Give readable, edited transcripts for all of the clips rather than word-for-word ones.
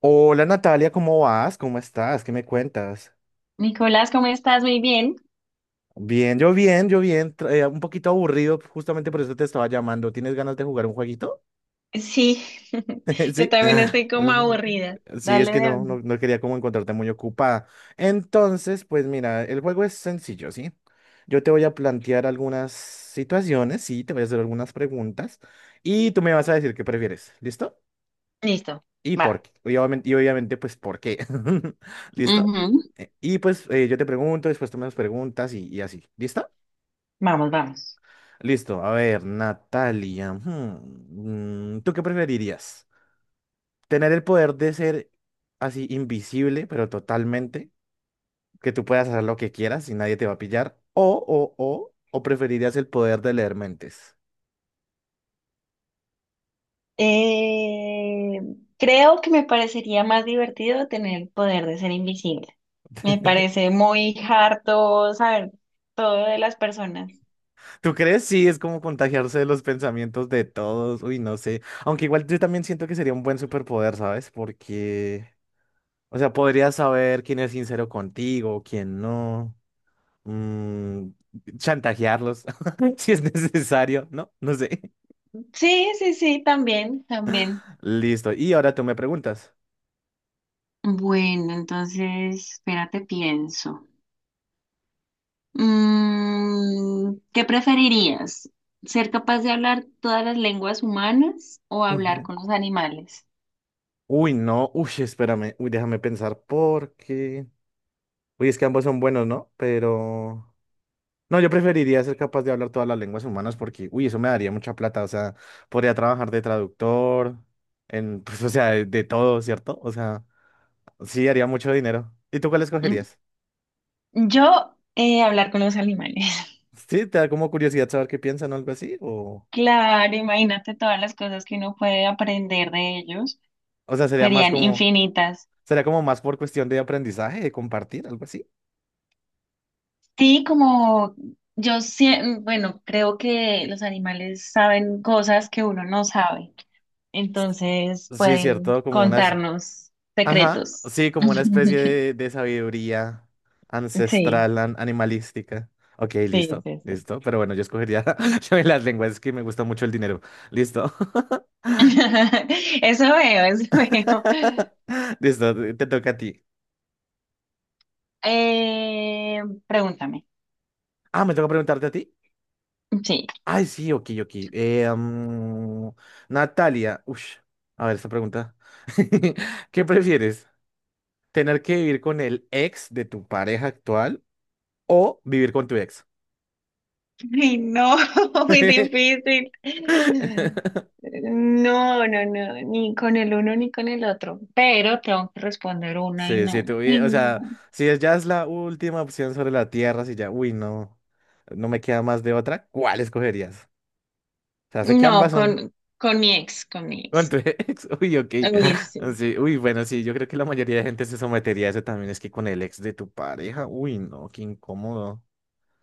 Hola Natalia, ¿cómo vas? ¿Cómo estás? ¿Qué me cuentas? Nicolás, ¿cómo estás? Muy bien. Bien, yo bien, un poquito aburrido, justamente por eso te estaba llamando. ¿Tienes ganas de jugar un jueguito? Sí, yo Sí. también Ah, estoy como ujú. aburrida. Sí, es Dale que de no, no, una. no quería como encontrarte muy ocupada. Entonces, pues mira, el juego es sencillo, ¿sí? Yo te voy a plantear algunas situaciones, sí, te voy a hacer algunas preguntas y tú me vas a decir qué prefieres. ¿Listo? Listo. Y Va. por qué, y obviamente, pues, ¿por qué? ¿Listo? Ujú. Y pues yo te pregunto, después tú me das preguntas y así. ¿Listo? Vamos, vamos. Listo. A ver, Natalia. ¿Tú qué preferirías? ¿Tener el poder de ser así invisible, pero totalmente? Que tú puedas hacer lo que quieras y nadie te va a pillar. O preferirías el poder de leer mentes. Eh, creo que me parecería más divertido tener el poder de ser invisible. Me parece muy harto saber todo de las personas. ¿Tú crees? Sí, es como contagiarse de los pensamientos de todos. Uy, no sé. Aunque igual yo también siento que sería un buen superpoder, ¿sabes? Porque, o sea, podrías saber quién es sincero contigo, quién no. mm, Chantajearlos si es necesario, ¿no? No sé. Sí, sí, sí, también, también. Listo. Y ahora tú me preguntas. Bueno, entonces, espérate, pienso. ¿Qué preferirías? ¿Ser capaz de hablar todas las lenguas humanas o hablar Ujú. con los animales? Uy, no. Uy, espérame. Uy, déjame pensar porque, uy, es que ambos son buenos, ¿no? Pero no, yo preferiría ser capaz de hablar todas las lenguas humanas porque, uy, eso me daría mucha plata. O sea, podría trabajar de traductor, en, pues, o sea, de todo, ¿cierto? O sea, sí, haría mucho dinero. ¿Y tú cuál Mm, escogerías? Yo, hablar con los animales. Sí, te da como curiosidad saber qué piensan o algo así, Claro, imagínate todas las cosas que uno puede aprender de ellos. o sea, sería más Serían como, infinitas. sería como más por cuestión de aprendizaje, de compartir, algo así. Sí, como yo, bueno, creo que los animales saben cosas que uno no sabe. Entonces Sí, pueden cierto, como una, contarnos ajá, secretos. sí, como una especie de, de sabiduría Sí. ancestral, animalística. Ok, Sí, listo, sí, sí. listo, pero bueno, yo escogería yo las lenguas, es que me gusta mucho el dinero. Listo. Eso veo, eso veo. Listo, te toca a ti. Eh, pregúntame. Ah, ¿me toca preguntarte a ti? Sí. Ay, sí, ok, ok. Natalia, ush, a ver esta pregunta. ¿Qué prefieres? ¿Tener que vivir con el ex de tu pareja actual o vivir con tu ex? Ay, no, muy difícil. No, no, no, ni con el uno ni con el otro. Pero tengo que responder una y Sí, sí, no, y o sea, no. si es- ya es la última opción sobre la tierra, si ya, uy, no, no me queda más de otra, ¿cuál escogerías? O sea, sé que No, ambas son. con mi ex, con mi Con tu ex. ex, uy, ok. Uy, sí. Sí, uy, bueno, sí, yo creo que la mayoría de gente se sometería a eso también, es que con el ex de tu pareja, uy, no, qué incómodo.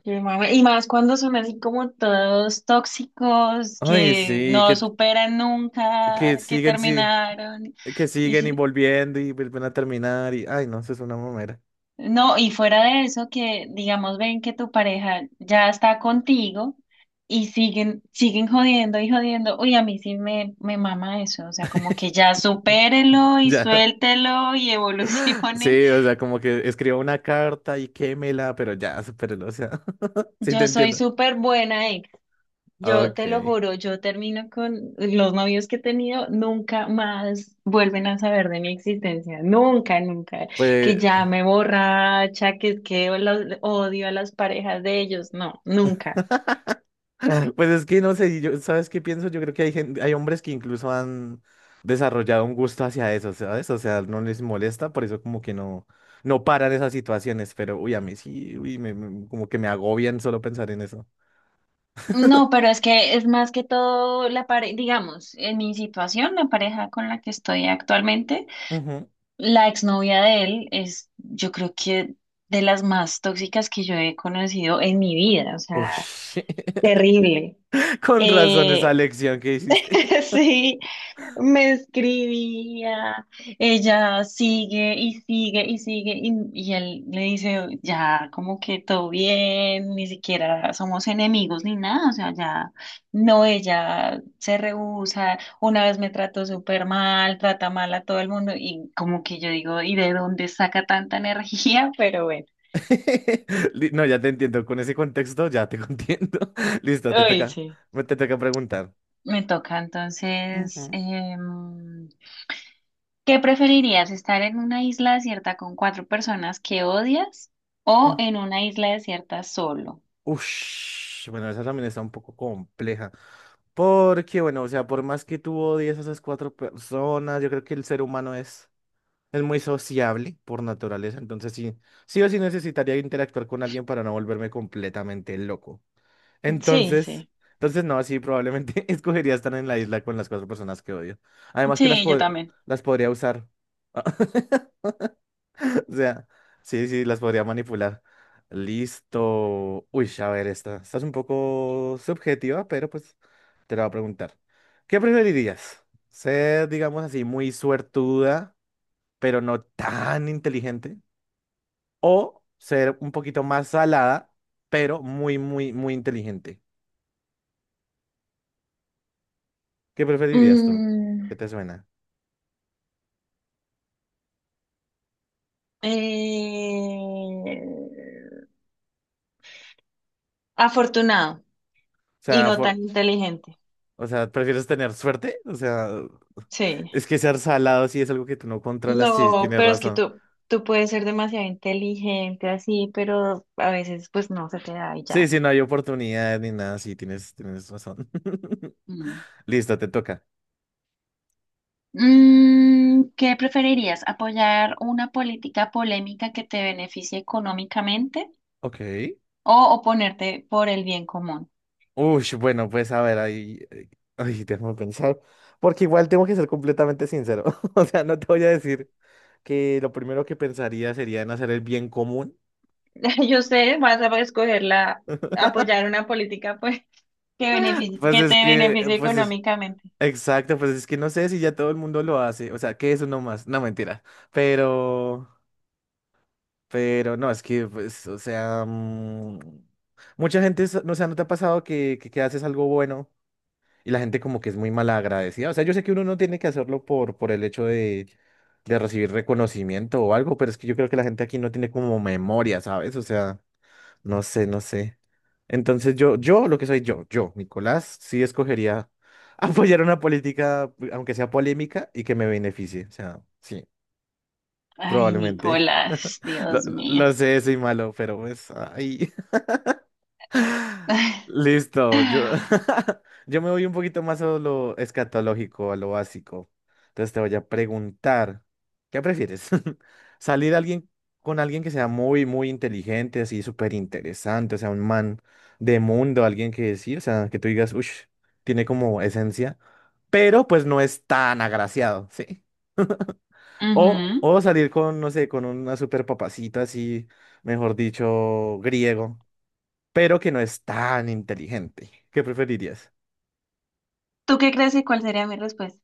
Qué mame. Y más cuando son así como todos tóxicos, Ay, que sí, no superan nunca, que que siguen, sí, terminaron. que Y siguen y sí. volviendo y vuelven a terminar y, ay, no, eso es una mamera. No, y fuera de eso, que digamos, ven que tu pareja ya está contigo y siguen jodiendo y jodiendo. Uy, a mí sí me mama eso. O sea, como que ya supérelo y Ya, suéltelo y evolucione. sí, o sea, como que escriba una carta y quémela, pero ya, supérelo, o sea, sí te Yo soy entiendo. súper buena ex. Yo te lo Ok, juro, yo termino con los novios que he tenido, nunca más vuelven a saber de mi existencia. Nunca, nunca. Que pues ya me borracha, que es que odio a las parejas de ellos. No, nunca. pues es que no sé, yo, ¿sabes qué pienso? Yo creo que hay gente, hay hombres que incluso han desarrollado un gusto hacia eso, ¿sabes? O sea, no les molesta, por eso como que no, no paran esas situaciones, pero uy, a mí sí, uy, como que me agobian solo pensar en eso. No, pero es que es más que todo la pareja, digamos, en mi situación, la pareja con la que estoy actualmente, Ujú. la exnovia de él es, yo creo que de las más tóxicas que yo he conocido en mi vida, o sea, Uy, terrible. con razón esa Eh, lección que hiciste. Sí, me escribía, ella sigue y sigue y sigue y él le dice, ya, como que todo bien, ni siquiera somos enemigos ni nada, o sea, ya, no, ella se rehúsa, una vez me trató súper mal, trata mal a todo el mundo y como que yo digo, ¿y de dónde saca tanta energía? Pero bueno, No, ya te entiendo, con ese contexto ya te entiendo. Listo, te uy toca, sí. Te toca preguntar. Me toca entonces, Ujú, ¿qué preferirías, estar en una isla desierta con cuatro personas que odias o ujú. en una isla desierta solo? Ush, bueno, esa también está un poco compleja. Porque, bueno, o sea, por más que tú odies a esas cuatro personas, yo creo que el ser humano es muy sociable por naturaleza, entonces sí, sí o sí necesitaría interactuar con alguien para no volverme completamente loco. Sí, Entonces, sí. entonces no, sí, probablemente escogería estar en la isla con las cuatro personas que odio. Además que las, Sí, yo también. las podría usar. O sea, sí, sí, las podría manipular. Listo. Uy, a ver, esta. Esta es un poco subjetiva, pero pues te la voy a preguntar. ¿Qué preferirías? ¿Ser, digamos así, muy suertuda, pero no tan inteligente? ¿O ser un poquito más salada, pero muy, muy, muy inteligente? ¿Qué preferirías tú? Mm, ¿Qué te suena? eh, afortunado O y sea, no tan inteligente. o sea, ¿prefieres tener suerte? O sea, Sí. es que ser salado sí es algo que tú no controlas. Sí, No, tienes pero es que razón. tú puedes ser demasiado inteligente así, pero a veces pues no se te da y Sí, ya. sí, no hay oportunidad ni nada, sí, tienes razón. Listo, te toca. ¿Qué preferirías? ¿Apoyar una política polémica que te beneficie económicamente Ok. o oponerte por el bien común? Uy, bueno, pues a ver, ahí, ay, déjame pensar, porque igual tengo que ser completamente sincero. O sea, no te voy a decir que lo primero que pensaría sería en hacer el bien común. Yo sé, vas a escoger la, apoyar una política, pues, Pues que es te que, beneficie pues es, económicamente. exacto, pues es que no sé si ya todo el mundo lo hace, o sea, que eso no más, no mentira, pero, pero no, es que, pues, o sea, mm, mucha gente, no, o sea, ¿no te ha pasado que, que haces algo bueno? Y la gente como que es muy mal agradecida. O sea, yo sé que uno no tiene que hacerlo por, el hecho de recibir reconocimiento o algo, pero es que yo creo que la gente aquí no tiene como memoria, ¿sabes? O sea, no sé, no sé. Entonces lo que soy yo, Nicolás, sí escogería apoyar una política, aunque sea polémica, y que me beneficie. O sea, sí, Ay, probablemente. Nicolás, Lo, Dios mío. lo sé, soy malo, pero pues, ay. Listo, yo, yo me voy un poquito más a lo escatológico, a lo básico. Entonces te voy a preguntar, ¿qué prefieres? ¿Salir alguien con alguien que sea muy, muy inteligente, así súper interesante, o sea, un man de mundo, alguien que decir, o sea, que tú digas, uff, tiene como esencia, pero pues no es tan agraciado, ¿sí? O Ujú. salir con, no sé, con una súper papacita así, mejor dicho, griego pero que no es tan inteligente. ¿Qué preferirías? ¿Tú qué crees y cuál sería mi respuesta?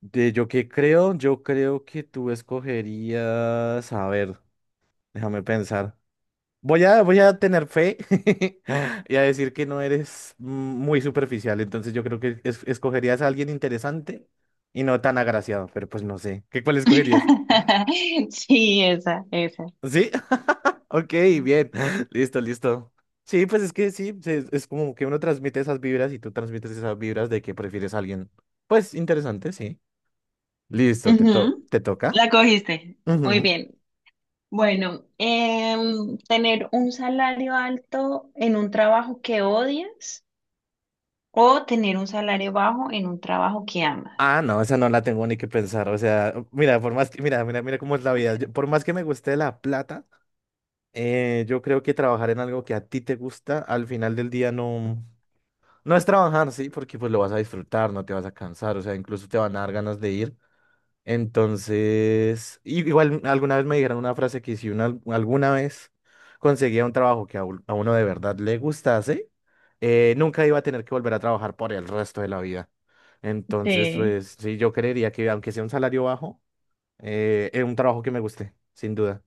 De yo qué creo, yo creo que tú escogerías, a ver, déjame pensar. Voy a, voy a tener fe y a decir que no eres mm, muy superficial, entonces yo creo que escogerías a alguien interesante y no tan agraciado, pero pues no sé. ¿Qué cuál escogerías? Sí, esa, esa. ¿Sí? Ok, bien. Listo, listo. Sí, pues es que sí, es como que uno transmite esas vibras y tú transmites esas vibras de que prefieres a alguien, pues interesante, sí. Listo, Ujú. ¿te La toca? cogiste. Muy Ujú. bien. Bueno, tener un salario alto en un trabajo que odias o tener un salario bajo en un trabajo que amas. Ah, no, esa no la tengo ni que pensar. O sea, mira, por más que, mira, mira, mira cómo es la vida. Por más que me guste la plata, yo creo que trabajar en algo que a ti te gusta, al final del día no, no es trabajar, sí, porque pues lo vas a disfrutar, no te vas a cansar, o sea, incluso te van a dar ganas de ir. Entonces, igual alguna vez me dijeron una frase que si una alguna vez conseguía un trabajo que a uno de verdad le gustase, nunca iba a tener que volver a trabajar por el resto de la vida. Entonces, Sí, pues sí, yo creería que aunque sea un salario bajo, es un trabajo que me guste, sin duda.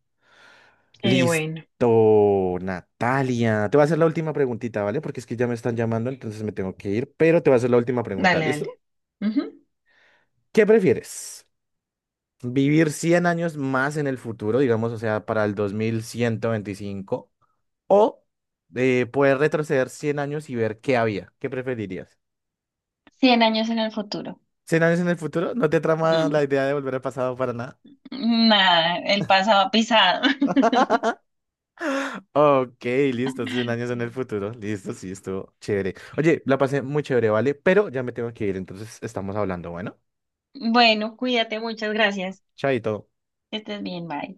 sí, bueno, Listo, Natalia. Te voy a hacer la última preguntita, ¿vale? Porque es que ya me están llamando, entonces me tengo que ir, pero te voy a hacer la última pregunta, dale, ¿listo? dale. Ujú. ¿Qué prefieres? Vivir 100 años más en el futuro, digamos, o sea, para el 2125, o poder retroceder 100 años y ver qué había. ¿Qué preferirías? 100 años en el futuro. ¿100 años en el futuro? ¿No te trama Mm. la idea de volver al pasado para nada? Nada, el pasado ha pisado. Ok, listo, 100 años en el futuro. Listo, sí, estuvo chévere. Oye, la pasé muy chévere, ¿vale? Pero ya me tengo que ir, entonces estamos hablando, bueno. Bueno, cuídate, muchas gracias. Chaito. Que estés bien, bye.